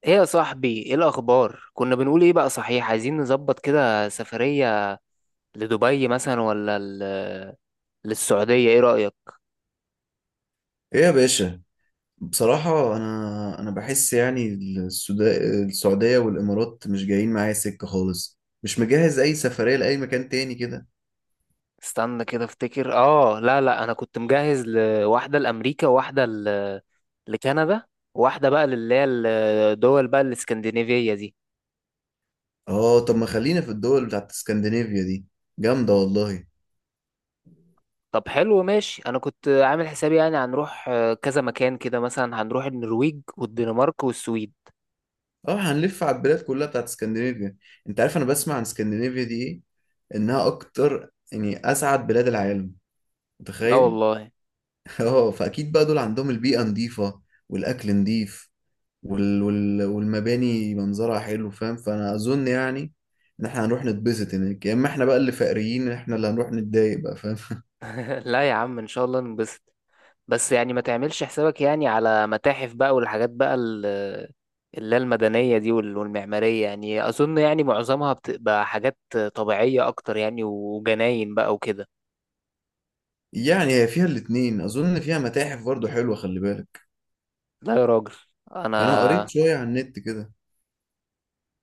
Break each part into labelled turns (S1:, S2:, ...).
S1: ايه يا صاحبي، ايه الاخبار؟ كنا بنقول ايه بقى؟ صحيح، عايزين نظبط كده سفرية لدبي مثلا ولا للسعودية. ايه رأيك؟
S2: ايه يا باشا. بصراحة انا بحس يعني السودا- السعودية والامارات مش جايين معايا سكة خالص، مش مجهز اي سفرية لاي مكان تاني كده.
S1: استنى كده افتكر. اه، لا لا، انا كنت مجهز لواحدة لامريكا وواحدة لكندا، وواحدة بقى للي هي الدول بقى الاسكندنافية دي.
S2: اه طب ما خلينا في الدول بتاعت اسكندنافيا دي، جامدة والله.
S1: طب حلو ماشي، انا كنت عامل حسابي يعني هنروح كذا مكان كده، مثلا هنروح النرويج والدنمارك والسويد.
S2: اه هنلف على البلاد كلها بتاعت اسكندنافيا. انت عارف انا بسمع عن اسكندنافيا دي ايه؟ انها اكتر يعني اسعد بلاد العالم،
S1: لا
S2: متخيل؟
S1: والله.
S2: اه فاكيد بقى دول عندهم البيئة نظيفة والاكل نظيف وال وال والمباني منظرها حلو، فاهم؟ فانا اظن يعني ان احنا هنروح نتبسط هناك، يا اما احنا بقى اللي فقريين احنا اللي هنروح نتضايق بقى، فاهم؟
S1: لا يا عم، ان شاء الله ننبسط. بس يعني ما تعملش حسابك يعني على متاحف بقى والحاجات بقى اللي هي المدنية دي والمعمارية، يعني أظن يعني معظمها بتبقى حاجات طبيعية أكتر يعني، وجناين بقى وكده.
S2: يعني هي فيها الاتنين، اظن فيها متاحف برضو حلوة، خلي بالك،
S1: لا يا راجل. أنا
S2: انا قريت شوية على النت كده.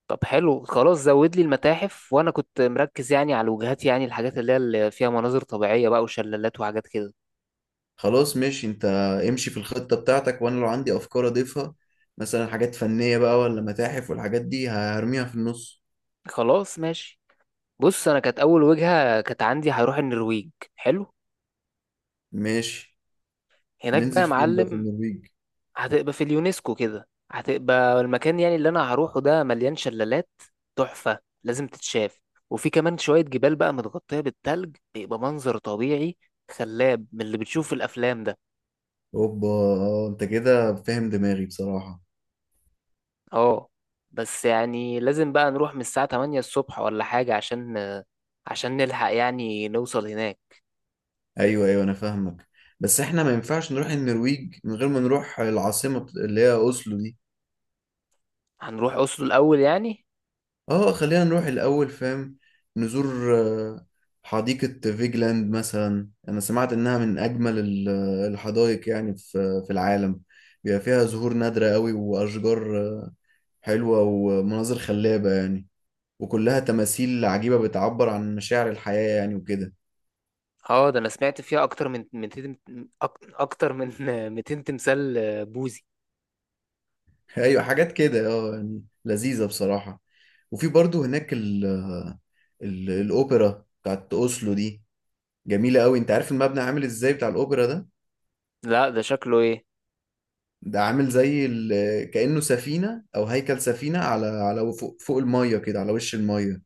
S1: طب حلو خلاص، زود لي المتاحف. وأنا كنت مركز يعني على الوجهات، يعني الحاجات اللي هي اللي فيها مناظر طبيعية بقى وشلالات وحاجات كده.
S2: خلاص ماشي. انت امشي في الخطة بتاعتك وانا لو عندي افكار اضيفها، مثلا حاجات فنية بقى ولا متاحف والحاجات دي هرميها في النص.
S1: خلاص ماشي. بص، أنا كانت أول وجهة كانت عندي هروح النرويج. حلو.
S2: ماشي.
S1: هناك بقى
S2: هننزل
S1: يا
S2: فين بقى في
S1: معلم.
S2: النرويج؟
S1: هتبقى في اليونسكو كده، هتبقى المكان يعني اللي انا هروحه ده مليان شلالات تحفة، لازم تتشاف. وفي كمان شوية جبال بقى متغطية بالتلج، بيبقى منظر طبيعي خلاب من اللي بتشوف في الافلام ده.
S2: اوبا، انت كده فاهم دماغي بصراحة.
S1: اه. بس يعني لازم بقى نروح من الساعة 8 الصبح ولا حاجة، عشان نلحق يعني نوصل هناك.
S2: ايوه ايوه انا فاهمك. بس احنا ما ينفعش نروح النرويج من غير ما نروح العاصمة اللي هي اوسلو دي.
S1: هنروح أسلو الأول يعني.
S2: اه خلينا نروح الاول، فاهم؟ نزور حديقة فيجلاند مثلا، انا سمعت انها من اجمل الحدائق يعني في العالم. بيبقى فيها زهور نادرة قوي واشجار حلوة ومناظر خلابة يعني، وكلها تماثيل عجيبة بتعبر عن مشاعر الحياة يعني وكده.
S1: اه، ده انا سمعت فيها اكتر من 200 أك- اكتر من 200 تمثال بوذي.
S2: ايوه حاجات كده، اه يعني لذيذه بصراحه. وفي برضو هناك ال الاوبرا بتاعت اوسلو دي، جميله قوي. انت عارف المبنى عامل ازاي بتاع الاوبرا ده؟
S1: لا، ده شكله ايه؟
S2: ده عامل زي كانه سفينه او هيكل سفينه على فوق الميه كده، على وش الميه،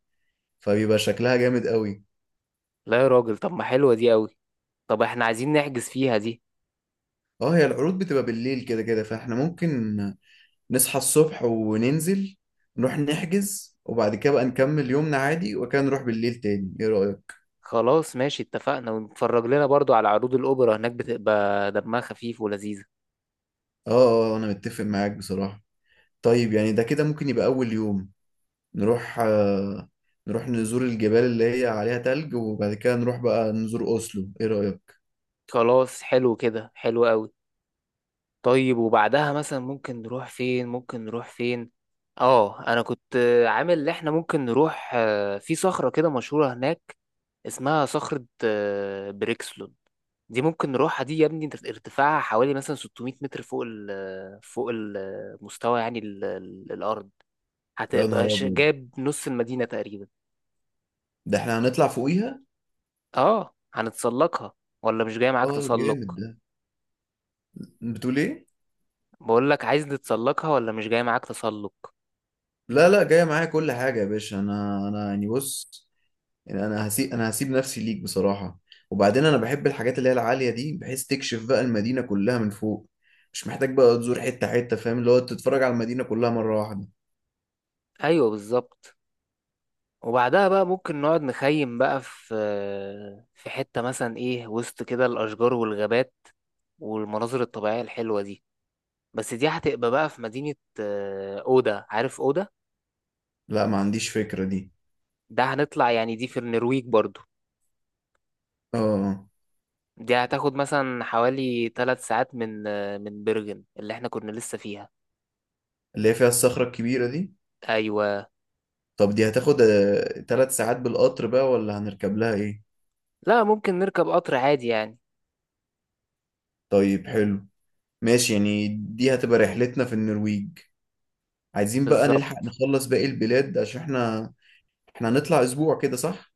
S2: فبيبقى شكلها جامد قوي.
S1: لا يا راجل، طب ما حلوة دي قوي. طب احنا عايزين نحجز فيها دي.
S2: اه هي العروض بتبقى بالليل كده كده، فاحنا ممكن نصحى الصبح وننزل نروح نحجز، وبعد كده بقى نكمل يومنا عادي وكان نروح بالليل تاني، ايه رايك؟
S1: خلاص ماشي، اتفقنا. ونتفرج لنا برضو على عروض الأوبرا هناك، بتبقى دمها خفيف ولذيذة.
S2: اه اه، انا متفق معاك بصراحه. طيب يعني ده كده ممكن يبقى أول يوم نروح نروح نزور الجبال اللي هي عليها تلج، وبعد كده نروح بقى نزور أوسلو، إيه رأيك؟
S1: خلاص حلو كده، حلو قوي. طيب، وبعدها مثلا ممكن نروح فين؟ ممكن نروح فين؟ اه، انا كنت عامل ان احنا ممكن نروح في صخرة كده مشهورة هناك، اسمها صخرة بريكسلون. دي ممكن نروحها دي يا ابني، انت ارتفاعها حوالي مثلا 600 متر فوق ال آه، فوق المستوى، يعني الأرض.
S2: يا نهار
S1: هتبقى
S2: أبيض،
S1: جايب نص المدينة تقريبا.
S2: ده إحنا هنطلع فوقيها؟
S1: اه هنتسلقها، ولا مش جاي معاك
S2: آه
S1: تسلق؟
S2: جامد ده. بتقول إيه؟
S1: بقول لك عايز نتسلقها، ولا مش جاي معاك تسلق؟
S2: لا لا، جاية معايا كل حاجة يا باشا. أنا يعني بص، يعني أنا هسيب نفسي ليك بصراحة. وبعدين أنا بحب الحاجات اللي هي العالية دي، بحيث تكشف بقى المدينة كلها من فوق. مش محتاج بقى تزور حتة حتة، فاهم؟ اللي هو تتفرج على المدينة كلها مرة واحدة.
S1: ايوه بالظبط. وبعدها بقى ممكن نقعد نخيم بقى في حتة مثلا ايه، وسط كده الاشجار والغابات والمناظر الطبيعية الحلوة دي. بس دي هتبقى بقى في مدينة أودا. عارف أودا؟
S2: لا ما عنديش فكرة دي.
S1: ده هنطلع يعني دي في النرويج برضو.
S2: آه آه.
S1: دي هتاخد مثلا حوالي ثلاث ساعات من برغن، اللي احنا كنا لسه فيها.
S2: اللي هي فيها الصخرة الكبيرة دي.
S1: ايوه.
S2: طب دي هتاخد تلات ساعات بالقطر بقى، ولا هنركب لها ايه؟
S1: لا، ممكن نركب قطر عادي يعني.
S2: طيب حلو، ماشي. يعني دي هتبقى رحلتنا في النرويج. عايزين بقى نلحق
S1: بالظبط.
S2: نخلص باقي البلاد عشان احنا، احنا هنطلع اسبوع كده، صح؟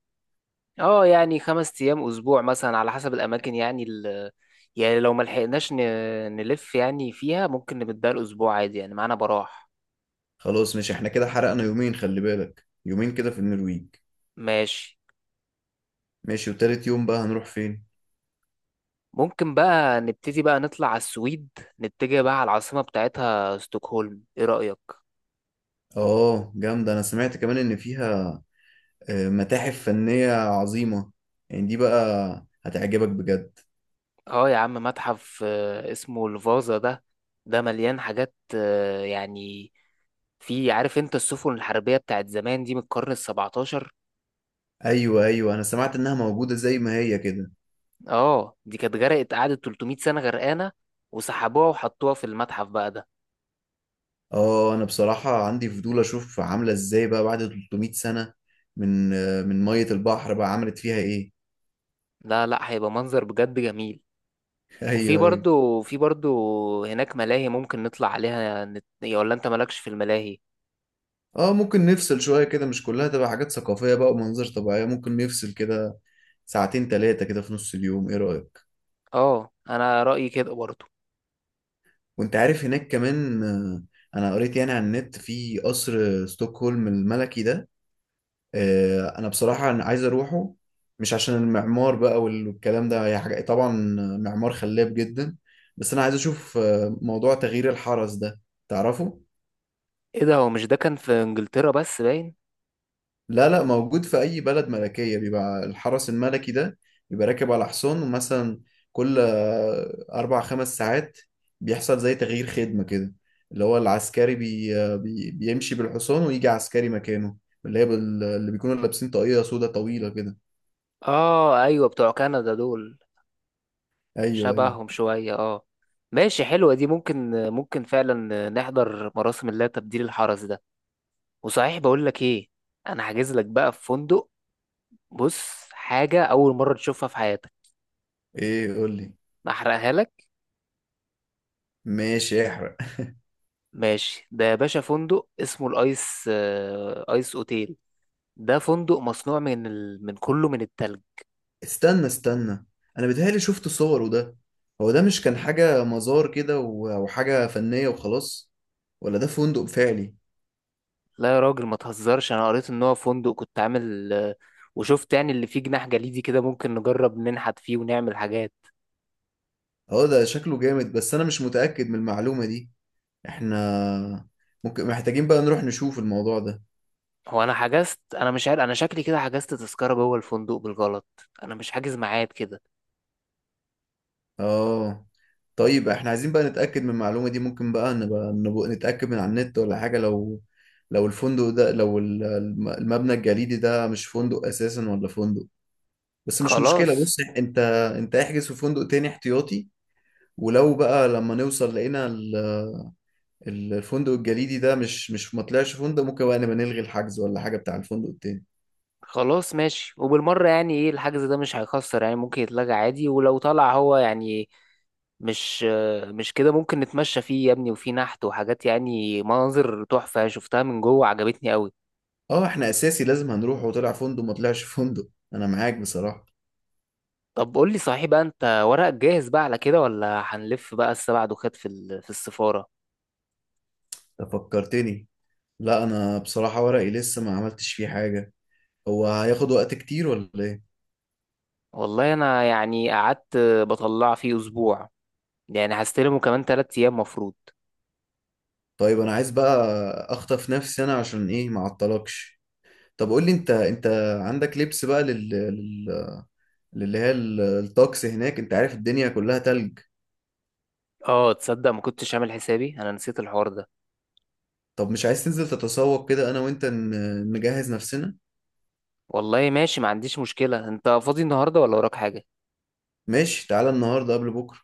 S1: اه يعني خمس ايام اسبوع مثلا على حسب الاماكن، يعني يعني لو ما لحقناش نلف يعني فيها، ممكن نبدأ الاسبوع عادي يعني معانا براح.
S2: خلاص، مش احنا كده حرقنا يومين، خلي بالك، يومين كده في النرويج.
S1: ماشي.
S2: ماشي. وتالت يوم بقى هنروح فين؟
S1: ممكن بقى نبتدي بقى نطلع على السويد، نتجه بقى على العاصمة بتاعتها ستوكهولم. ايه رأيك؟
S2: اه جامدة، انا سمعت كمان ان فيها متاحف فنية عظيمة، يعني دي بقى هتعجبك بجد.
S1: اه يا عم، متحف اسمه الفازا ده، ده مليان حاجات يعني في. عارف انت السفن الحربية بتاعت زمان دي من القرن السبعتاشر.
S2: ايوه ايوه انا سمعت انها موجودة زي ما هي كده.
S1: اه، دي كانت غرقت قعدت 300 سنة غرقانة، وسحبوها وحطوها في المتحف بقى ده.
S2: اه انا بصراحة عندي فضول اشوف عاملة ازاي بقى بعد 300 سنة من من مية البحر بقى عملت فيها ايه.
S1: لا لا، هيبقى منظر بجد جميل. وفي
S2: ايوه ايوه.
S1: برضو في برضو هناك ملاهي، ممكن نطلع عليها يا، ولا انت مالكش في الملاهي؟
S2: اه ممكن نفصل شوية كده، مش كلها تبقى حاجات ثقافية بقى ومناظر طبيعية، ممكن نفصل كده ساعتين تلاتة كده في نص اليوم، ايه رأيك؟
S1: اه انا رأيي كده برضو.
S2: وانت عارف هناك كمان، انا قريت يعني على النت في قصر ستوكهولم الملكي ده. انا بصراحه أنا عايز اروحه، مش عشان المعمار بقى والكلام ده، هي حاجه طبعا معمار خلاب جدا، بس انا عايز اشوف موضوع تغيير الحرس ده، تعرفه؟
S1: ايه ده؟ هو مش ده كان في انجلترا بس باين؟
S2: لا لا، موجود في اي بلد ملكيه بيبقى الحرس الملكي ده. بيبقى راكب على حصان، ومثلا كل اربع خمس ساعات بيحصل زي تغيير خدمه كده، اللي هو العسكري بي بيمشي بالحصان ويجي عسكري مكانه، اللي هي اللي بيكونوا لابسين طاقية سودا طويلة كده.
S1: اه ايوه، بتوع كندا دول.
S2: ايوه ايوه.
S1: شبههم شوية اه. ماشي، حلوة دي. ممكن فعلا نحضر مراسم الله تبديل الحرس ده. وصحيح بقول لك ايه، انا حاجز لك بقى في فندق. بص، حاجة أول مرة تشوفها في حياتك.
S2: ايه قول لي.
S1: أحرقها لك.
S2: ماشي احرق.
S1: ماشي ده يا باشا، فندق اسمه الأيس آه، أيس أوتيل. ده فندق مصنوع من كله من التلج.
S2: استنى استنى، انا بيتهيألي شفت صوره ده. هو ده مش كان حاجة مزار كده وحاجة فنية وخلاص، ولا ده فندق فعلي؟
S1: لا يا راجل ما تهزرش، أنا قريت إن هو فندق، كنت عامل وشفت يعني اللي فيه جناح جليدي كده، ممكن نجرب ننحت فيه ونعمل حاجات.
S2: اه ده شكله جامد، بس انا مش متأكد من المعلومة دي. احنا ممكن محتاجين بقى نروح نشوف الموضوع ده.
S1: هو أنا حجزت، أنا مش عارف، أنا شكلي كده حجزت تذكرة جوه الفندق بالغلط، أنا مش حاجز ميعاد كده.
S2: اه طيب احنا عايزين بقى نتأكد من المعلومة دي، ممكن بقى نبقى نتأكد من على النت ولا حاجة، لو لو الفندق ده، لو المبنى الجليدي ده مش فندق اساسا ولا فندق. بس مش مشكلة،
S1: خلاص
S2: بص انت، انت احجز في فندق تاني احتياطي، ولو بقى لما نوصل لقينا الفندق الجليدي ده مش مش ما طلعش فندق، ممكن بقى نبقى نلغي الحجز ولا حاجة بتاع الفندق التاني.
S1: خلاص ماشي. وبالمرة يعني ايه، الحجز ده مش هيخسر يعني، ممكن يتلغى عادي. ولو طلع هو يعني مش مش كده، ممكن نتمشى فيه يا ابني، وفيه نحت وحاجات، يعني مناظر تحفة شفتها من جوه عجبتني قوي.
S2: اه احنا اساسي لازم هنروح، وطلع فندق ما طلعش فندق، انا معاك بصراحة.
S1: طب قول لي صحيح بقى، انت ورقك جاهز بقى على كده، ولا هنلف بقى السبع دوخات في في السفارة؟
S2: انت فكرتني. لا انا بصراحة ورقي لسه ما عملتش فيه حاجة، هو هياخد وقت كتير ولا ايه؟
S1: والله انا يعني قعدت بطلع فيه اسبوع، يعني هستلمه كمان تلات ايام مفروض.
S2: طيب انا عايز بقى اخطف نفسي انا عشان ايه ما اعطلكش. طب قول لي، انت انت عندك لبس بقى لل... اللي هي الطقس هناك، انت عارف الدنيا كلها تلج.
S1: اه تصدق، ما كنتش عامل حسابي، انا نسيت الحوار ده.
S2: طب مش عايز تنزل تتسوق كده انا وانت نجهز نفسنا؟
S1: والله ماشي، ما عنديش مشكلة. انت فاضي النهاردة، ولا وراك حاجة؟
S2: ماشي، تعالى النهارده قبل بكره.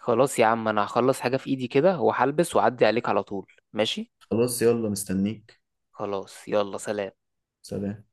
S1: خلاص يا عم، انا هخلص حاجة في ايدي كده وهلبس واعدي عليك على طول، ماشي.
S2: خلاص يلا مستنيك.
S1: خلاص يلا سلام.
S2: سلام.